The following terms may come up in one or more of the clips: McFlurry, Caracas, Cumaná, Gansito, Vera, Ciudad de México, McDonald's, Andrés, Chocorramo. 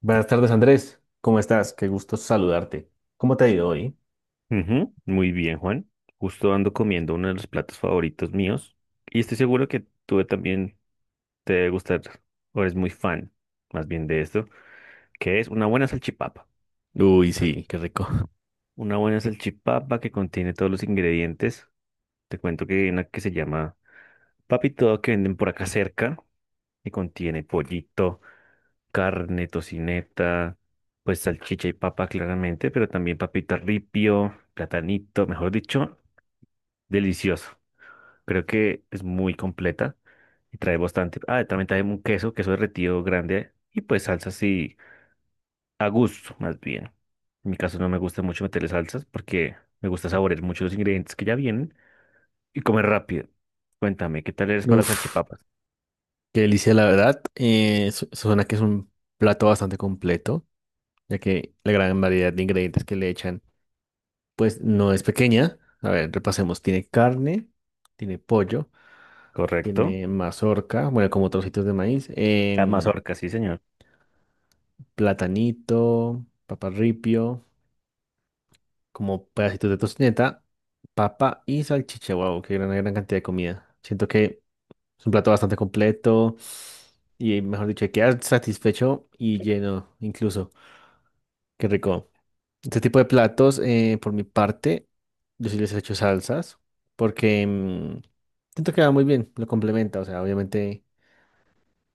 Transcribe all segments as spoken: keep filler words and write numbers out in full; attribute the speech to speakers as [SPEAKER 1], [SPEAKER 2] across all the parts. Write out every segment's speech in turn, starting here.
[SPEAKER 1] Buenas tardes, Andrés. ¿Cómo estás? Qué gusto saludarte. ¿Cómo te ha ido hoy?
[SPEAKER 2] Ujú, muy bien, Juan. Justo ando comiendo uno de los platos favoritos míos y estoy seguro que tú también te debe gustar o eres muy fan más bien de esto, que es una buena salchipapa.
[SPEAKER 1] Uy,
[SPEAKER 2] Una sal-
[SPEAKER 1] sí, qué rico.
[SPEAKER 2] una buena salchipapa que contiene todos los ingredientes. Te cuento que hay una que se llama Papito que venden por acá cerca y contiene pollito, carne, tocineta, pues salchicha y papa claramente, pero también papita ripio, platanito, mejor dicho, delicioso. Creo que es muy completa y trae bastante. Ah, también trae un queso, queso derretido grande y pues salsas así a gusto, más bien. En mi caso no me gusta mucho meterle salsas porque me gusta saborear mucho los ingredientes que ya vienen y comer rápido. Cuéntame, ¿qué tal eres para
[SPEAKER 1] Uf,
[SPEAKER 2] salchipapas?
[SPEAKER 1] qué delicia, la verdad. Eh, su- suena que es un plato bastante completo, ya que la gran variedad de ingredientes que le echan, pues no es pequeña. A ver, repasemos. Tiene carne, tiene pollo,
[SPEAKER 2] ¿Correcto?
[SPEAKER 1] tiene mazorca, bueno, como trocitos de maíz,
[SPEAKER 2] La
[SPEAKER 1] em,
[SPEAKER 2] mazorca, sí, señor.
[SPEAKER 1] platanito, paparripio, como pedacitos de tocineta, papa y salchicha. Wow, qué gran, gran cantidad de comida. Siento que es un plato bastante completo y, mejor dicho, quedas satisfecho y lleno, incluso. Qué rico. Este tipo de platos, eh, por mi parte, yo sí les he hecho salsas porque mm, siento que va muy bien, lo complementa. O sea, obviamente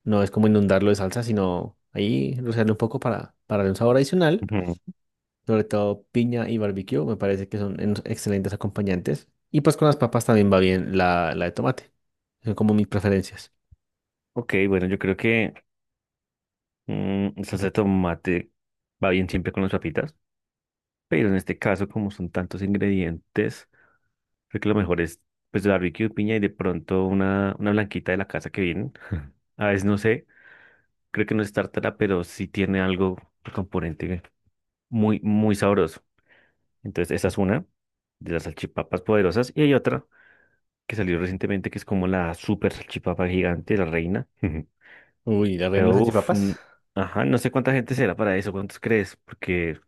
[SPEAKER 1] no es como inundarlo de salsa, sino ahí rociarle un poco para, para darle un sabor adicional.
[SPEAKER 2] Ujú.
[SPEAKER 1] Sobre todo piña y barbecue, me parece que son unos excelentes acompañantes. Y pues con las papas también va bien la, la de tomate. Son como mis preferencias.
[SPEAKER 2] Ok, bueno, yo creo que mm, salsa de tomate va bien siempre con las papitas, pero en este caso, como son tantos ingredientes. Creo que lo mejor es, pues, el barbecue, de piña y de pronto una, una blanquita de la casa que vienen. A veces no sé, creo que no es tártara, pero sí tiene algo, un componente muy, muy sabroso. Entonces, esa es una de las salchipapas poderosas. Y hay otra que salió recientemente, que es como la super salchipapa gigante, la reina.
[SPEAKER 1] Uy, ¿la reina de las
[SPEAKER 2] Pero, uff,
[SPEAKER 1] salchipapas?
[SPEAKER 2] ajá, no sé cuánta gente será para eso, cuántos crees, porque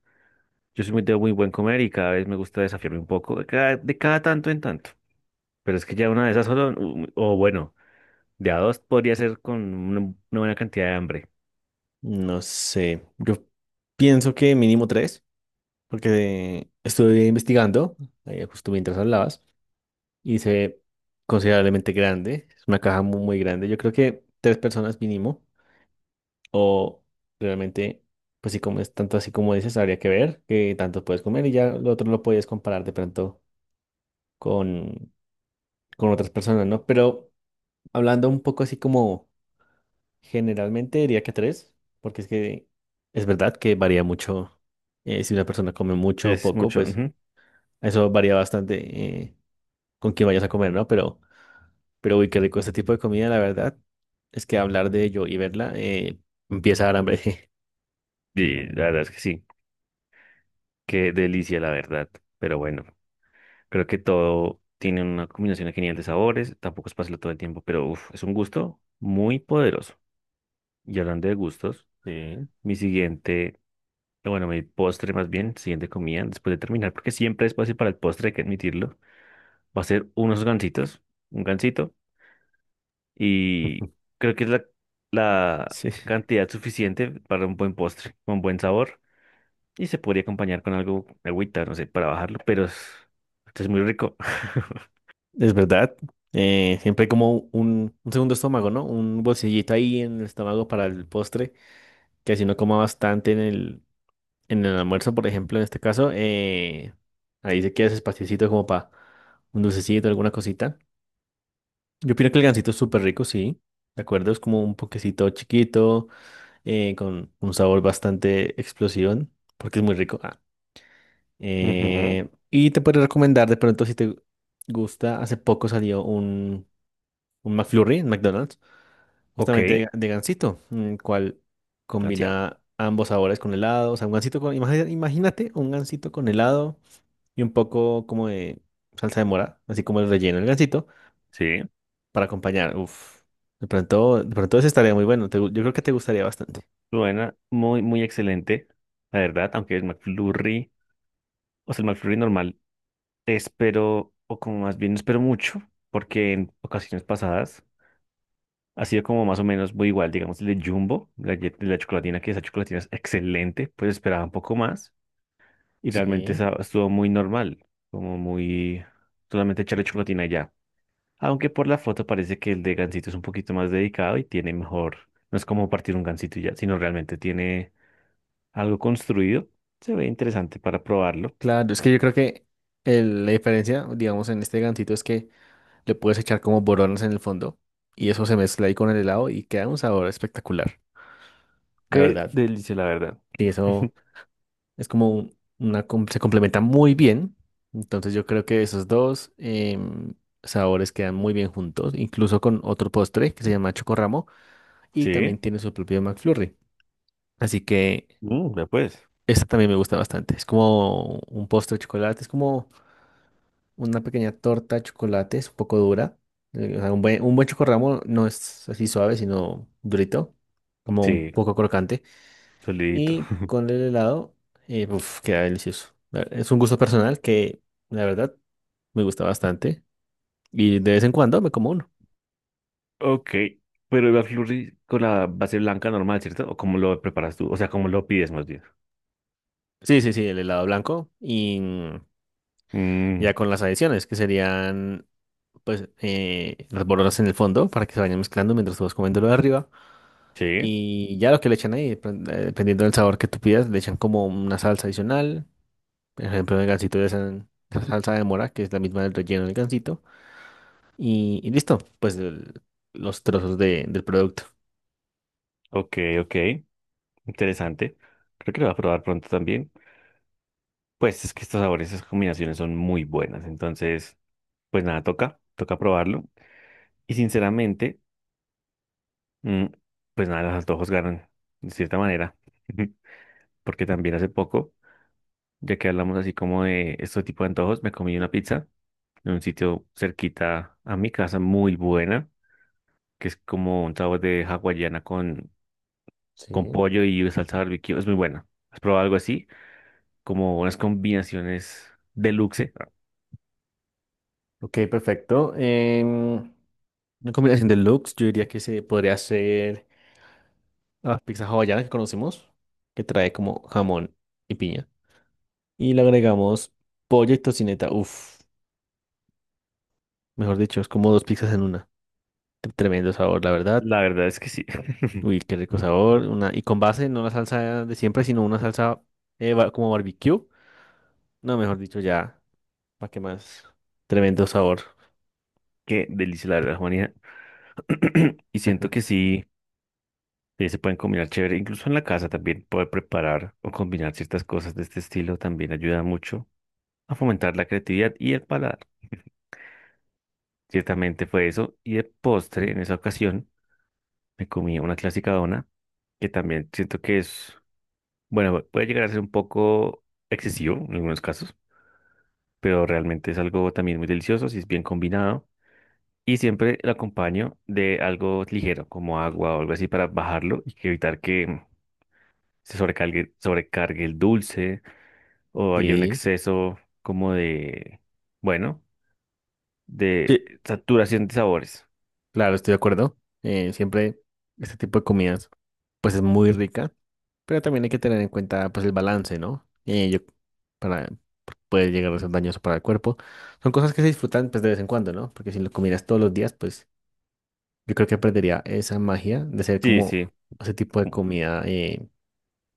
[SPEAKER 2] yo soy muy de muy buen comer y cada vez me gusta desafiarme un poco, de cada, de cada tanto en tanto. Pero es que ya una de esas solo, u- o bueno. De a dos podría ser con una, una buena cantidad de hambre.
[SPEAKER 1] No sé. Yo pienso que mínimo tres, porque estuve investigando, eh, justo mientras hablabas, y se ve considerablemente grande. Es una caja muy, muy grande. Yo creo que tres personas mínimo, o realmente, pues si comes tanto así como dices, habría que ver qué tanto puedes comer y ya lo otro lo puedes comparar de pronto con, con otras personas, ¿no? Pero hablando un poco así como generalmente diría que tres, porque es que es verdad que varía mucho. Eh, si una persona come mucho o
[SPEAKER 2] Es
[SPEAKER 1] poco,
[SPEAKER 2] mucho.
[SPEAKER 1] pues
[SPEAKER 2] Ujú.
[SPEAKER 1] eso varía bastante eh, con quién vayas a comer, ¿no? Pero, pero uy, qué rico este tipo de comida, la verdad, es que hablar de ello y verla eh, empieza a dar hambre.
[SPEAKER 2] Y la verdad es que sí. Qué delicia, la verdad. Pero bueno, creo que todo tiene una combinación genial de sabores. Tampoco es pasarlo todo el tiempo, pero uf, es un gusto muy poderoso. Y hablando de gustos,
[SPEAKER 1] Sí.
[SPEAKER 2] mi siguiente, bueno, mi postre más bien, siguiente comida, después de terminar, porque siempre es fácil para el postre, hay que admitirlo, va a ser unos gansitos. Un gansito y creo que es la, la
[SPEAKER 1] Sí,
[SPEAKER 2] cantidad suficiente para un buen postre, con buen sabor y se podría acompañar con algo, agüita, no sé, para bajarlo, pero es, esto es muy rico.
[SPEAKER 1] es verdad. Eh, siempre hay como un, un segundo estómago, ¿no? Un bolsillito ahí en el estómago para el postre, que si no coma bastante en el, en el almuerzo, por ejemplo, en este caso, eh, ahí se queda ese espaciocito como para un dulcecito, alguna cosita. Yo opino que el gansito es súper rico, sí, de acuerdo, es como un poquecito chiquito, eh, con un sabor bastante explosivo, porque es muy rico. Ah,
[SPEAKER 2] Ujú.
[SPEAKER 1] eh, y te puedo recomendar de pronto si te gusta, hace poco salió un, un McFlurry en McDonald's.
[SPEAKER 2] Ok.
[SPEAKER 1] Justamente de, de gansito, el cual
[SPEAKER 2] Ansiado.
[SPEAKER 1] combina ambos sabores con helado. O sea, un gansito con. Imagi- Imagínate un gansito con helado y un poco como de salsa de mora, así como el relleno del gansito,
[SPEAKER 2] Sí,
[SPEAKER 1] para acompañar. Uf. De pronto, de pronto eso estaría muy bueno. Te gu- yo creo que te gustaría bastante.
[SPEAKER 2] buena, muy, muy excelente, la verdad, aunque el McFlurry, o sea, el McFlurry normal, te espero, o como más bien no espero mucho, porque en ocasiones pasadas ha sido como más o menos muy igual, digamos, el de Jumbo, la, ye- la chocolatina, que esa chocolatina es excelente, pues esperaba un poco más y realmente
[SPEAKER 1] Sí.
[SPEAKER 2] esa estuvo muy normal, como muy solamente echarle chocolatina y ya. Aunque por la foto parece que el de Gansito es un poquito más dedicado y tiene mejor, no es como partir un Gansito y ya, sino realmente tiene algo construido. Se ve interesante para probarlo.
[SPEAKER 1] Claro, es que yo creo que el- la diferencia, digamos, en este gansito es que le puedes echar como boronas en el fondo y eso se mezcla ahí con el helado y queda un sabor espectacular, la
[SPEAKER 2] Qué
[SPEAKER 1] verdad.
[SPEAKER 2] delicia, la verdad.
[SPEAKER 1] Y eso. Es como una, com- se complementa muy bien. Entonces yo creo que esos dos em, sabores quedan muy bien juntos, incluso con otro postre que se llama Chocorramo y también
[SPEAKER 2] Sí,
[SPEAKER 1] tiene su propio McFlurry. Así que
[SPEAKER 2] mm, ya pues.
[SPEAKER 1] esta también me gusta bastante. Es como un postre de chocolate, es como una pequeña torta de chocolate, es un poco dura. Eh, o sea, un buen, un buen Chocorramo no es así suave, sino durito, como un
[SPEAKER 2] Sí,
[SPEAKER 1] poco crocante.
[SPEAKER 2] solidito.
[SPEAKER 1] Y con el helado, eh, uf, queda delicioso. La- Es un gusto personal que, la verdad, me gusta bastante. Y de vez en cuando me como uno.
[SPEAKER 2] Ok, pero el McFlurry con la base blanca normal, ¿cierto? ¿O cómo lo preparas tú? O sea, ¿cómo lo pides más bien?
[SPEAKER 1] Sí, sí, sí, el helado blanco. Y mm,
[SPEAKER 2] Mm,
[SPEAKER 1] ya con las adiciones, que serían, pues, eh, las bolonas en el fondo para que se vayan mezclando mientras tú vas comiendo lo de arriba.
[SPEAKER 2] sí,
[SPEAKER 1] Y ya lo que le echan ahí, depend- eh, dependiendo del sabor que tú pidas, le echan como una salsa adicional. Por ejemplo, en el gansito le echan salsa de mora, que es la misma del relleno del gansito. Y, y listo, pues el- los trozos de- del producto.
[SPEAKER 2] ok, ok, interesante. Creo que lo voy a probar pronto también. Pues es que estos sabores, esas combinaciones son muy buenas. Entonces, pues nada, toca, toca probarlo. Y sinceramente, mm, pues nada, los antojos ganan, de cierta manera. Porque también hace poco, ya que hablamos así como de este tipo de antojos, me comí una pizza en un sitio cerquita a mi casa, muy buena, que es como un sabor de hawaiana con, con,
[SPEAKER 1] Sí.
[SPEAKER 2] pollo y salsa barbecue. Es muy buena. ¿Has probado algo así? Como unas combinaciones deluxe.
[SPEAKER 1] Ok, perfecto. Em, una combinación de looks, yo diría que se podría hacer la pizza hawaiana que conocemos, que trae como jamón y piña. Y le agregamos pollo y tocineta. Uf, mejor dicho, es como dos pizzas en una. T- Tremendo sabor, la verdad.
[SPEAKER 2] La verdad es que sí.
[SPEAKER 1] Uy, qué rico sabor. Una, y con base, no la salsa de siempre, sino una salsa eh, ba- como barbecue. No, mejor dicho, ya, ¿para qué más? Tremendo sabor.
[SPEAKER 2] Qué delicia, la verdad, Juanita. Y siento que sí, eh, se pueden combinar chévere. Incluso en la casa también poder preparar o combinar ciertas cosas de este estilo también ayuda mucho a fomentar la creatividad y el paladar. Ciertamente fue eso. Y de postre, en esa ocasión, me comí una clásica dona, que también siento que es bueno, puede llegar a ser un poco excesivo en algunos casos, pero realmente es algo también muy delicioso si es bien combinado. Y siempre lo acompaño de algo ligero, como agua o algo así, para bajarlo y que evitar que se sobrecargue, sobrecargue el dulce o haya un
[SPEAKER 1] Sí.
[SPEAKER 2] exceso como de, bueno, de
[SPEAKER 1] Sí,
[SPEAKER 2] saturación de sabores.
[SPEAKER 1] claro, estoy de acuerdo. Eh, siempre este tipo de comidas, pues es muy rica, pero también hay que tener en cuenta, pues el balance, ¿no? Eh, yo, para Puede llegar a ser dañoso para el cuerpo. Son cosas que se disfrutan, pues de vez en cuando, ¿no? Porque si lo comieras todos los días, pues yo creo que perdería esa magia de ser
[SPEAKER 2] Sí,
[SPEAKER 1] como
[SPEAKER 2] sí,
[SPEAKER 1] ese tipo de
[SPEAKER 2] como
[SPEAKER 1] comida eh,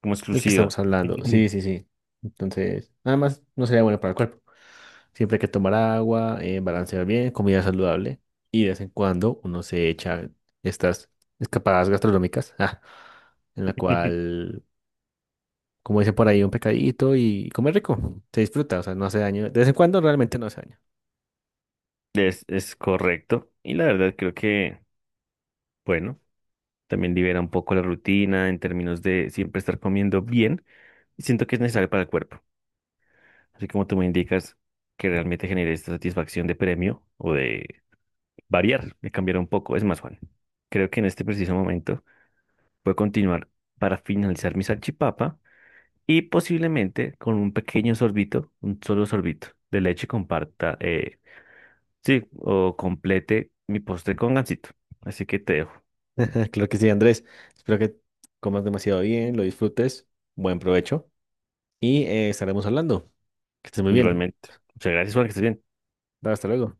[SPEAKER 2] como
[SPEAKER 1] del que
[SPEAKER 2] exclusivo.
[SPEAKER 1] estamos hablando. Sí, sí, sí. Entonces, nada más no sería bueno para el cuerpo. Siempre hay que tomar agua, eh, balancear bien, comida saludable y de vez en cuando uno se echa estas escapadas gastronómicas, ah, en la cual, como dice por ahí, un pecadito y comer rico, se disfruta, o sea, no hace daño. De vez en cuando realmente no hace daño.
[SPEAKER 2] Es, es correcto. Y la verdad creo que, bueno. También libera un poco la rutina en términos de siempre estar comiendo bien. Y siento que es necesario para el cuerpo. Así como tú me indicas que realmente genere esta satisfacción de premio o de variar, de cambiar un poco. Es más, Juan, creo que en este preciso momento voy a continuar para finalizar mi salchipapa y posiblemente con un pequeño sorbito, un solo sorbito de leche comparta, eh, sí, o complete mi postre con gansito. Así que te dejo,
[SPEAKER 1] Claro que sí, Andrés. Espero que comas demasiado bien, lo disfrutes, buen provecho y eh, estaremos hablando. Que estés muy bien.
[SPEAKER 2] igualmente. Muchas gracias, Juan, que estés bien.
[SPEAKER 1] Hasta luego.